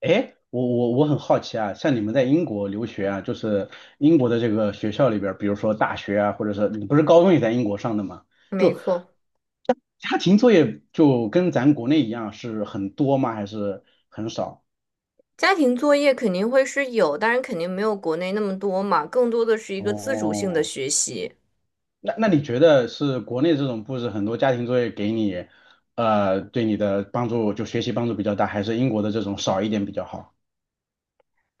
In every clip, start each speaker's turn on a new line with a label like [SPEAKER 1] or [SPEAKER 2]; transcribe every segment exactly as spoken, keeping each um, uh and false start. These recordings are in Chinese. [SPEAKER 1] 哎，我我我很好奇啊，像你们在英国留学啊，就是英国的这个学校里边儿，比如说大学啊，或者是你不是高中也在英国上的吗？
[SPEAKER 2] 没
[SPEAKER 1] 就
[SPEAKER 2] 错，
[SPEAKER 1] 家庭作业就跟咱国内一样是很多吗？还是很少？
[SPEAKER 2] 家庭作业肯定会是有，当然肯定没有国内那么多嘛，更多的是一个自主性的
[SPEAKER 1] 哦，
[SPEAKER 2] 学习。
[SPEAKER 1] 那那你觉得是国内这种布置很多家庭作业给你，呃，对你的帮助就学习帮助比较大，还是英国的这种少一点比较好？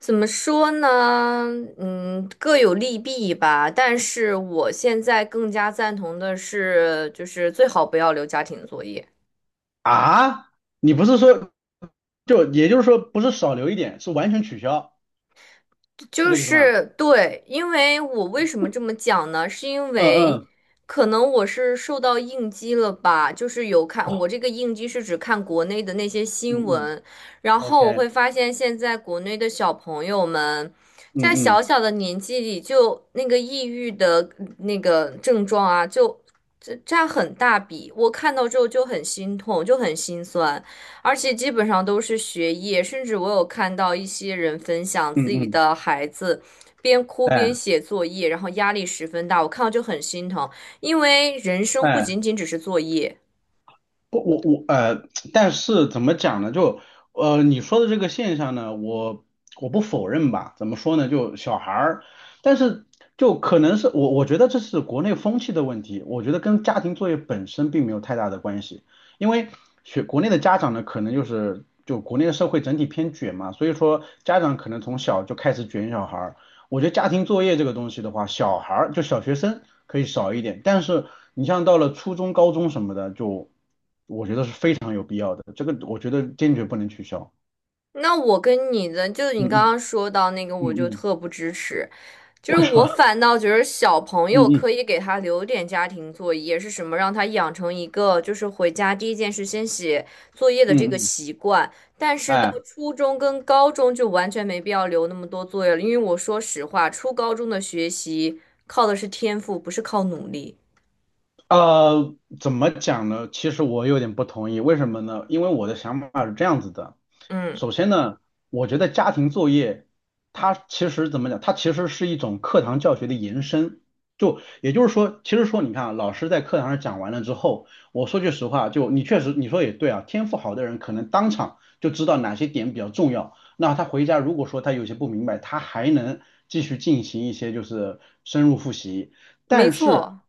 [SPEAKER 2] 怎么说呢？嗯，各有利弊吧。但是我现在更加赞同的是，就是最好不要留家庭作业。
[SPEAKER 1] 啊，你不是说就也就是说不是少留一点，是完全取消？是
[SPEAKER 2] 就
[SPEAKER 1] 这意思吗？
[SPEAKER 2] 是对，因为我为什么这么讲呢？是因
[SPEAKER 1] 嗯
[SPEAKER 2] 为
[SPEAKER 1] 嗯，
[SPEAKER 2] 可能我是受到应激了吧，就是有看
[SPEAKER 1] 哦，
[SPEAKER 2] 我这个应激是指看国内的那些
[SPEAKER 1] 嗯
[SPEAKER 2] 新
[SPEAKER 1] 嗯
[SPEAKER 2] 闻，然后我
[SPEAKER 1] ，OK，
[SPEAKER 2] 会发现现在国内的小朋友们
[SPEAKER 1] 嗯
[SPEAKER 2] 在小
[SPEAKER 1] 嗯
[SPEAKER 2] 小的年纪里就那个抑郁的那个症状啊，就这占很大比，我看到之后就很心痛，就很心酸。而且基本上都是学业，甚至我有看到一些人分享
[SPEAKER 1] 嗯
[SPEAKER 2] 自己
[SPEAKER 1] 嗯，
[SPEAKER 2] 的孩子边哭
[SPEAKER 1] 哎
[SPEAKER 2] 边写作业，然后压力十分大，我看到就很心疼，因为人生不
[SPEAKER 1] 哎，
[SPEAKER 2] 仅仅只是作业。
[SPEAKER 1] 不，我我呃，但是怎么讲呢？就呃，你说的这个现象呢，我我不否认吧？怎么说呢？就小孩儿，但是就可能是我我觉得这是国内风气的问题，我觉得跟家庭作业本身并没有太大的关系，因为学国内的家长呢，可能就是就国内的社会整体偏卷嘛，所以说家长可能从小就开始卷小孩儿。我觉得家庭作业这个东西的话，小孩儿就小学生可以少一点，但是你像到了初中、高中什么的，就我觉得是非常有必要的。这个我觉得坚决不能取消。
[SPEAKER 2] 那我跟你的，就是
[SPEAKER 1] 嗯
[SPEAKER 2] 你刚
[SPEAKER 1] 嗯
[SPEAKER 2] 刚说到那个，我
[SPEAKER 1] 嗯
[SPEAKER 2] 就
[SPEAKER 1] 嗯，
[SPEAKER 2] 特不支持，就是
[SPEAKER 1] 为什
[SPEAKER 2] 我
[SPEAKER 1] 么？
[SPEAKER 2] 反倒觉得小朋
[SPEAKER 1] 嗯
[SPEAKER 2] 友可
[SPEAKER 1] 嗯
[SPEAKER 2] 以给他留点家庭作业，是什么让他养成一个就是回家第一件事先写作业的这
[SPEAKER 1] 嗯
[SPEAKER 2] 个
[SPEAKER 1] 嗯，
[SPEAKER 2] 习惯。但是到
[SPEAKER 1] 哎。
[SPEAKER 2] 初中跟高中就完全没必要留那么多作业了，因为我说实话，初高中的学习靠的是天赋，不是靠努力。
[SPEAKER 1] 呃，怎么讲呢？其实我有点不同意，为什么呢？因为我的想法是这样子的。
[SPEAKER 2] 嗯，
[SPEAKER 1] 首先呢，我觉得家庭作业它其实怎么讲？它其实是一种课堂教学的延伸。就也就是说，其实说你看啊老师在课堂上讲完了之后，我说句实话，就你确实你说也对啊，天赋好的人可能当场就知道哪些点比较重要。那他回家如果说他有些不明白，他还能继续进行一些就是深入复习。
[SPEAKER 2] 没
[SPEAKER 1] 但是
[SPEAKER 2] 错。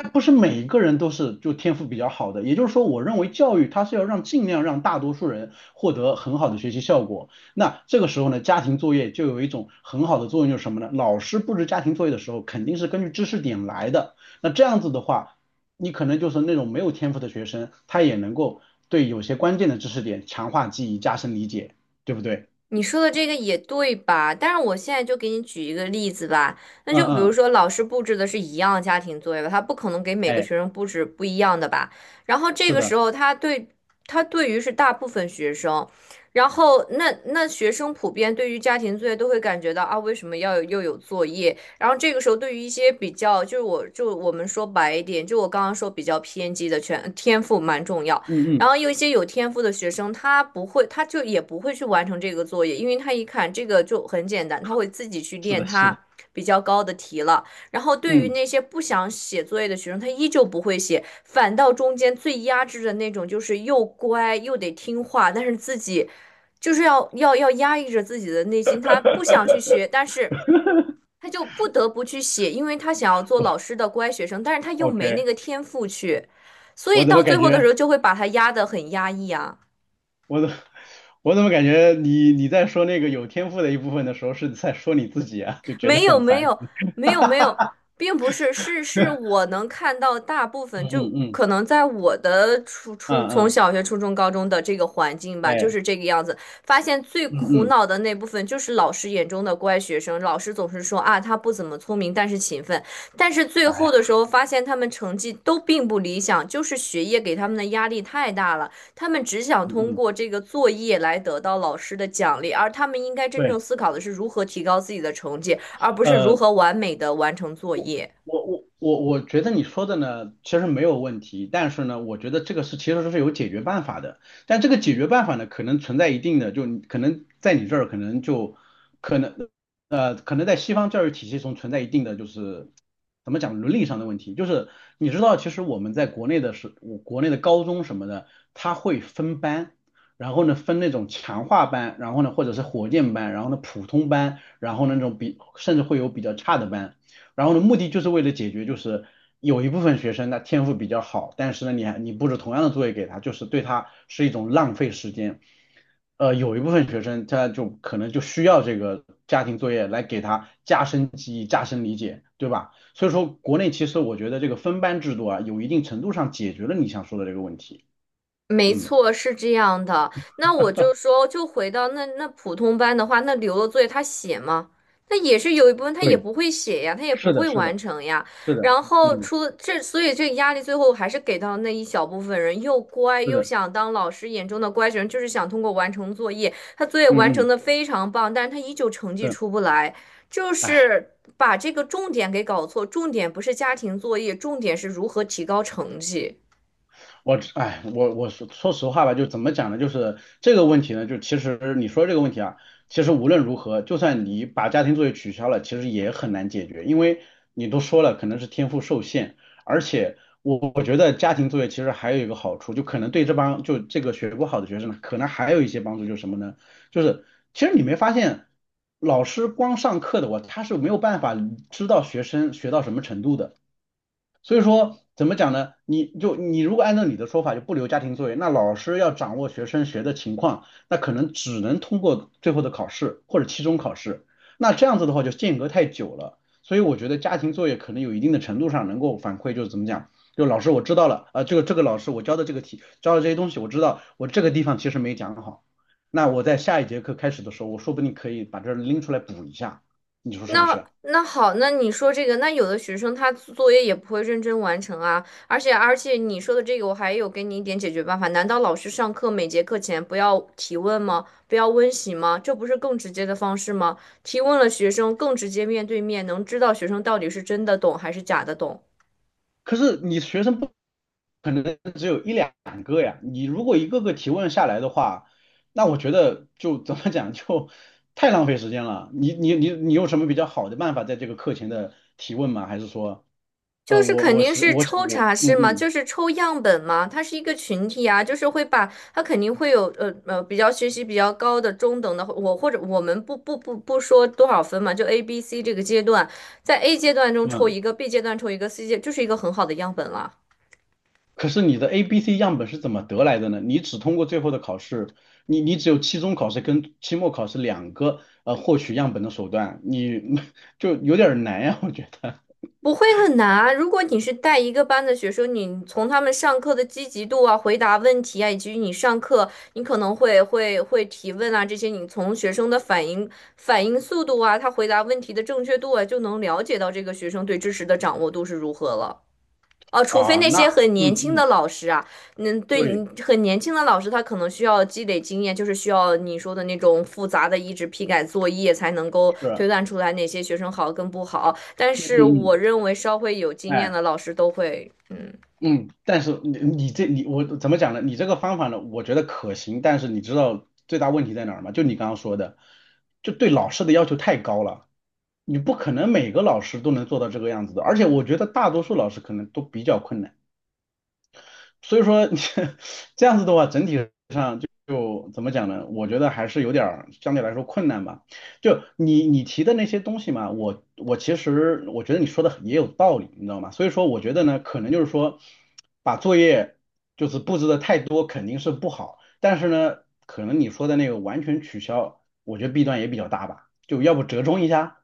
[SPEAKER 1] 那不是每一个人都是就天赋比较好的，也就是说，我认为教育它是要让尽量让大多数人获得很好的学习效果。那这个时候呢，家庭作业就有一种很好的作用，就是什么呢？老师布置家庭作业的时候，肯定是根据知识点来的。那这样子的话，你可能就是那种没有天赋的学生，他也能够对有些关键的知识点强化记忆、加深理解，对不对？
[SPEAKER 2] 你说的这个也对吧？但是我现在就给你举一个例子吧，那
[SPEAKER 1] 嗯
[SPEAKER 2] 就比如
[SPEAKER 1] 嗯，
[SPEAKER 2] 说老师布置的是一样的家庭作业吧，他不可能给每个
[SPEAKER 1] 哎，
[SPEAKER 2] 学生布置不一样的吧？然后这
[SPEAKER 1] 是
[SPEAKER 2] 个
[SPEAKER 1] 的，
[SPEAKER 2] 时候他对他对于是大部分学生，然后那那学生普遍对于家庭作业都会感觉到啊，为什么要有又有作业？然后这个时候对于一些比较就是我就我们说白一点，就我刚刚说比较偏激的全天赋蛮重要。
[SPEAKER 1] 嗯
[SPEAKER 2] 然
[SPEAKER 1] 嗯，
[SPEAKER 2] 后有一些有天赋的学生，他不会，他就也不会去完成这个作业，因为他一看这个就很简单，他会自己去
[SPEAKER 1] 是
[SPEAKER 2] 练
[SPEAKER 1] 的，是
[SPEAKER 2] 他
[SPEAKER 1] 的，
[SPEAKER 2] 比较高的题了。然后对于
[SPEAKER 1] 嗯
[SPEAKER 2] 那些不想写作业的学生，他依旧不会写，反倒中间最压制的那种，就是又乖又得听话，但是自己就是要要要压抑着自己的内心，他不想去学，但是。他就不得不去写，因为他想要做老师的乖学生，但是他又没那
[SPEAKER 1] ，OK，
[SPEAKER 2] 个天赋去，所以
[SPEAKER 1] 我怎
[SPEAKER 2] 到
[SPEAKER 1] 么
[SPEAKER 2] 最
[SPEAKER 1] 感
[SPEAKER 2] 后的
[SPEAKER 1] 觉？
[SPEAKER 2] 时候就会把他压得很压抑啊。
[SPEAKER 1] 我怎 我怎么感觉你你在说那个有天赋的一部分的时候是在说你自己啊，就觉得
[SPEAKER 2] 没有
[SPEAKER 1] 很
[SPEAKER 2] 没
[SPEAKER 1] 烦。
[SPEAKER 2] 有没有没有，并不是，是是我能看到大部分，
[SPEAKER 1] 嗯
[SPEAKER 2] 就
[SPEAKER 1] 嗯嗯
[SPEAKER 2] 可能在我的初初
[SPEAKER 1] 嗯
[SPEAKER 2] 从
[SPEAKER 1] 嗯，
[SPEAKER 2] 小学、初中、高中的这个环境吧，就
[SPEAKER 1] 哎，
[SPEAKER 2] 是这个样子。发现最
[SPEAKER 1] 嗯
[SPEAKER 2] 苦
[SPEAKER 1] 嗯，
[SPEAKER 2] 恼的那部分就是老师眼中的乖学生，老师总是说啊他不怎么聪明，但是勤奋，但是最
[SPEAKER 1] 哎
[SPEAKER 2] 后
[SPEAKER 1] 呀，
[SPEAKER 2] 的时候发现他们成绩都并不理想，就是学业给他们的压力太大了，他们只想
[SPEAKER 1] 嗯
[SPEAKER 2] 通
[SPEAKER 1] 嗯，
[SPEAKER 2] 过这个作业来得到老师的奖励，而他们应该真正
[SPEAKER 1] 对，
[SPEAKER 2] 思考的是如何提高自己的成绩。而不是如
[SPEAKER 1] 呃，
[SPEAKER 2] 何完美的完成作业。
[SPEAKER 1] 我我我我觉得你说的呢，其实没有问题，但是呢，我觉得这个是其实是有解决办法的，但这个解决办法呢，可能存在一定的，就你可能在你这儿可能就。可能。呃，可能在西方教育体系中存在一定的就是怎么讲伦理上的问题，就是你知道，其实我们在国内的是，我国内的高中什么的，他会分班，然后呢分那种强化班，然后呢或者是火箭班，然后呢普通班，然后呢那种比甚至会有比较差的班，然后呢目的就是为了解决就是有一部分学生他天赋比较好，但是呢你还你布置同样的作业给他，就是对他是一种浪费时间。呃，有一部分学生他就可能就需要这个家庭作业来给他加深记忆、加深理解，对吧？所以说，国内其实我觉得这个分班制度啊，有一定程度上解决了你想说的这个问题。
[SPEAKER 2] 没
[SPEAKER 1] 嗯，
[SPEAKER 2] 错，是这样的。那我就说，就回到那那普通班的话，那留了作业他写吗？那也是有一部分他也
[SPEAKER 1] 对，
[SPEAKER 2] 不会写呀，他也不
[SPEAKER 1] 是的，
[SPEAKER 2] 会
[SPEAKER 1] 是
[SPEAKER 2] 完
[SPEAKER 1] 的，
[SPEAKER 2] 成呀。
[SPEAKER 1] 是的，
[SPEAKER 2] 然后
[SPEAKER 1] 嗯，
[SPEAKER 2] 出这，所以这个压力最后还是给到那一小部分人，又乖
[SPEAKER 1] 是
[SPEAKER 2] 又
[SPEAKER 1] 的，
[SPEAKER 2] 想当老师眼中的乖学生，就是想通过完成作业。他作业完
[SPEAKER 1] 嗯
[SPEAKER 2] 成
[SPEAKER 1] 嗯，
[SPEAKER 2] 的非常棒，但是他依旧成绩
[SPEAKER 1] 是，
[SPEAKER 2] 出不来，就
[SPEAKER 1] 哎。
[SPEAKER 2] 是把这个重点给搞错。重点不是家庭作业，重点是如何提高成绩。
[SPEAKER 1] 我哎，我我说说实话吧，就怎么讲呢？就是这个问题呢，就其实你说这个问题啊，其实无论如何，就算你把家庭作业取消了，其实也很难解决，因为你都说了，可能是天赋受限，而且我我觉得家庭作业其实还有一个好处，就可能对这帮就这个学不好的学生呢，可能还有一些帮助，就是什么呢？就是其实你没发现，老师光上课的我，他是没有办法知道学生学到什么程度的。所以说，怎么讲呢？你就你如果按照你的说法，就不留家庭作业，那老师要掌握学生学的情况，那可能只能通过最后的考试或者期中考试。那这样子的话，就间隔太久了。所以我觉得家庭作业可能有一定的程度上能够反馈，就是怎么讲，就老师我知道了，啊、呃这个这个老师我教的这个题，教的这些东西我知道，我这个地方其实没讲好。那我在下一节课开始的时候，我说不定可以把这拎出来补一下，你说是不
[SPEAKER 2] 那
[SPEAKER 1] 是？
[SPEAKER 2] 那好，那你说这个，那有的学生他作业也不会认真完成啊，而且而且你说的这个，我还有给你一点解决办法。难道老师上课每节课前不要提问吗？不要温习吗？这不是更直接的方式吗？提问了学生更直接面对面，能知道学生到底是真的懂还是假的懂。
[SPEAKER 1] 可是你学生不可能只有一两个呀，你如果一个个提问下来的话，那我觉得就怎么讲就 太浪费时间了。你你你你有什么比较好的办法在这个课前的提问吗？还是说，呃，
[SPEAKER 2] 就是
[SPEAKER 1] 我
[SPEAKER 2] 肯
[SPEAKER 1] 我
[SPEAKER 2] 定
[SPEAKER 1] 是
[SPEAKER 2] 是
[SPEAKER 1] 我是
[SPEAKER 2] 抽
[SPEAKER 1] 我
[SPEAKER 2] 查是
[SPEAKER 1] 嗯
[SPEAKER 2] 吗？
[SPEAKER 1] 嗯
[SPEAKER 2] 就是抽样本吗？它是一个群体啊，就是会把它肯定会有呃呃比较学习比较高的中等的，我或者我们不不不不说多少分嘛，就 A、B、C 这个阶段，在 A 阶段中抽
[SPEAKER 1] 嗯，
[SPEAKER 2] 一个，B 阶段抽一个，C 阶就是一个很好的样本了。
[SPEAKER 1] 可是你的 A B C 样本是怎么得来的呢？你只通过最后的考试，你你只有期中考试跟期末考试两个呃获取样本的手段，你 就有点儿难呀，我觉得
[SPEAKER 2] 不会很难啊。如果你是带一个班的学生，你从他们上课的积极度啊、回答问题啊，以及你上课你可能会会会提问啊，这些你从学生的反应反应速度啊，他回答问题的正确度啊，就能了解到这个学生对知识的掌握度是如何了。哦，除非
[SPEAKER 1] 啊，
[SPEAKER 2] 那
[SPEAKER 1] 那
[SPEAKER 2] 些很
[SPEAKER 1] 嗯
[SPEAKER 2] 年轻的
[SPEAKER 1] 嗯，
[SPEAKER 2] 老师啊，嗯，对，
[SPEAKER 1] 对。
[SPEAKER 2] 嗯很年轻的老师，他可能需要积累经验，就是需要你说的那种复杂的一直批改作业，才能够推
[SPEAKER 1] 是，
[SPEAKER 2] 断出来哪些学生好跟不好。但
[SPEAKER 1] 嗯
[SPEAKER 2] 是
[SPEAKER 1] 嗯
[SPEAKER 2] 我
[SPEAKER 1] 嗯，
[SPEAKER 2] 认为稍微有经验
[SPEAKER 1] 哎，
[SPEAKER 2] 的老师都会，嗯。
[SPEAKER 1] 嗯，但是你你这你我怎么讲呢？你这个方法呢，我觉得可行，但是你知道最大问题在哪儿吗？就你刚刚说的，就对老师的要求太高了，你不可能每个老师都能做到这个样子的，而且我觉得大多数老师可能都比较困难，所以说 这样子的话，整体就怎么讲呢？我觉得还是有点儿相对来说困难吧。就你你提的那些东西嘛，我我其实我觉得你说的也有道理，你知道吗？所以说我觉得呢，可能就是说把作业就是布置的太多肯定是不好，但是呢，可能你说的那个完全取消，我觉得弊端也比较大吧。就要不折中一下？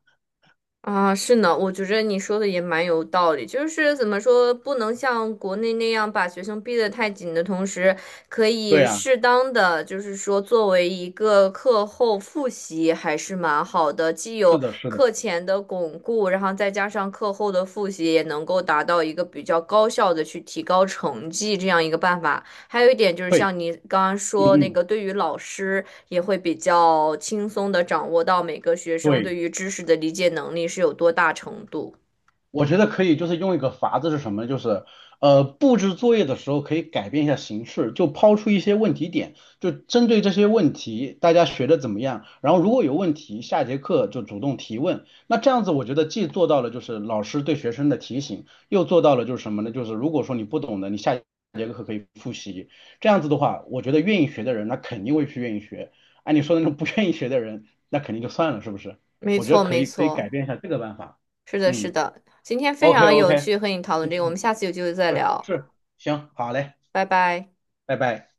[SPEAKER 2] 啊，是呢，我觉着你说的也蛮有道理，就是怎么说，不能像国内那样把学生逼得太紧的同时，可
[SPEAKER 1] 对
[SPEAKER 2] 以
[SPEAKER 1] 啊，
[SPEAKER 2] 适当的，就是说作为一个课后复习还是蛮好的，既
[SPEAKER 1] 是
[SPEAKER 2] 有
[SPEAKER 1] 的，是的，
[SPEAKER 2] 课前的巩固，然后再加上课后的复习，也能够达到一个比较高效的去提高成绩这样一个办法。还有一点就是，
[SPEAKER 1] 对，
[SPEAKER 2] 像你刚刚
[SPEAKER 1] 嗯
[SPEAKER 2] 说那
[SPEAKER 1] 嗯，
[SPEAKER 2] 个，对于老师也会比较轻松的掌握到每个学生对
[SPEAKER 1] 对。
[SPEAKER 2] 于知识的理解能力是有多大程度。
[SPEAKER 1] 我觉得可以，就是用一个法子是什么？就是呃，布置作业的时候可以改变一下形式，就抛出一些问题点，就针对这些问题，大家学的怎么样？然后如果有问题，下节课就主动提问。那这样子，我觉得既做到了就是老师对学生的提醒，又做到了就是什么呢？就是如果说你不懂的，你下节课可以复习。这样子的话，我觉得愿意学的人，那肯定会去愿意学。按你说的那种不愿意学的人，那肯定就算了，是不是？
[SPEAKER 2] 没
[SPEAKER 1] 我觉得
[SPEAKER 2] 错，
[SPEAKER 1] 可
[SPEAKER 2] 没
[SPEAKER 1] 以，可以
[SPEAKER 2] 错，
[SPEAKER 1] 改变一下这个办法。
[SPEAKER 2] 是的，是
[SPEAKER 1] 嗯。
[SPEAKER 2] 的。今天非
[SPEAKER 1] OK
[SPEAKER 2] 常有
[SPEAKER 1] OK，
[SPEAKER 2] 趣和你讨论
[SPEAKER 1] 嗯
[SPEAKER 2] 这个，我们
[SPEAKER 1] 嗯，
[SPEAKER 2] 下次有机会再
[SPEAKER 1] 是
[SPEAKER 2] 聊，
[SPEAKER 1] 是，行，好嘞，
[SPEAKER 2] 拜拜。
[SPEAKER 1] 拜拜。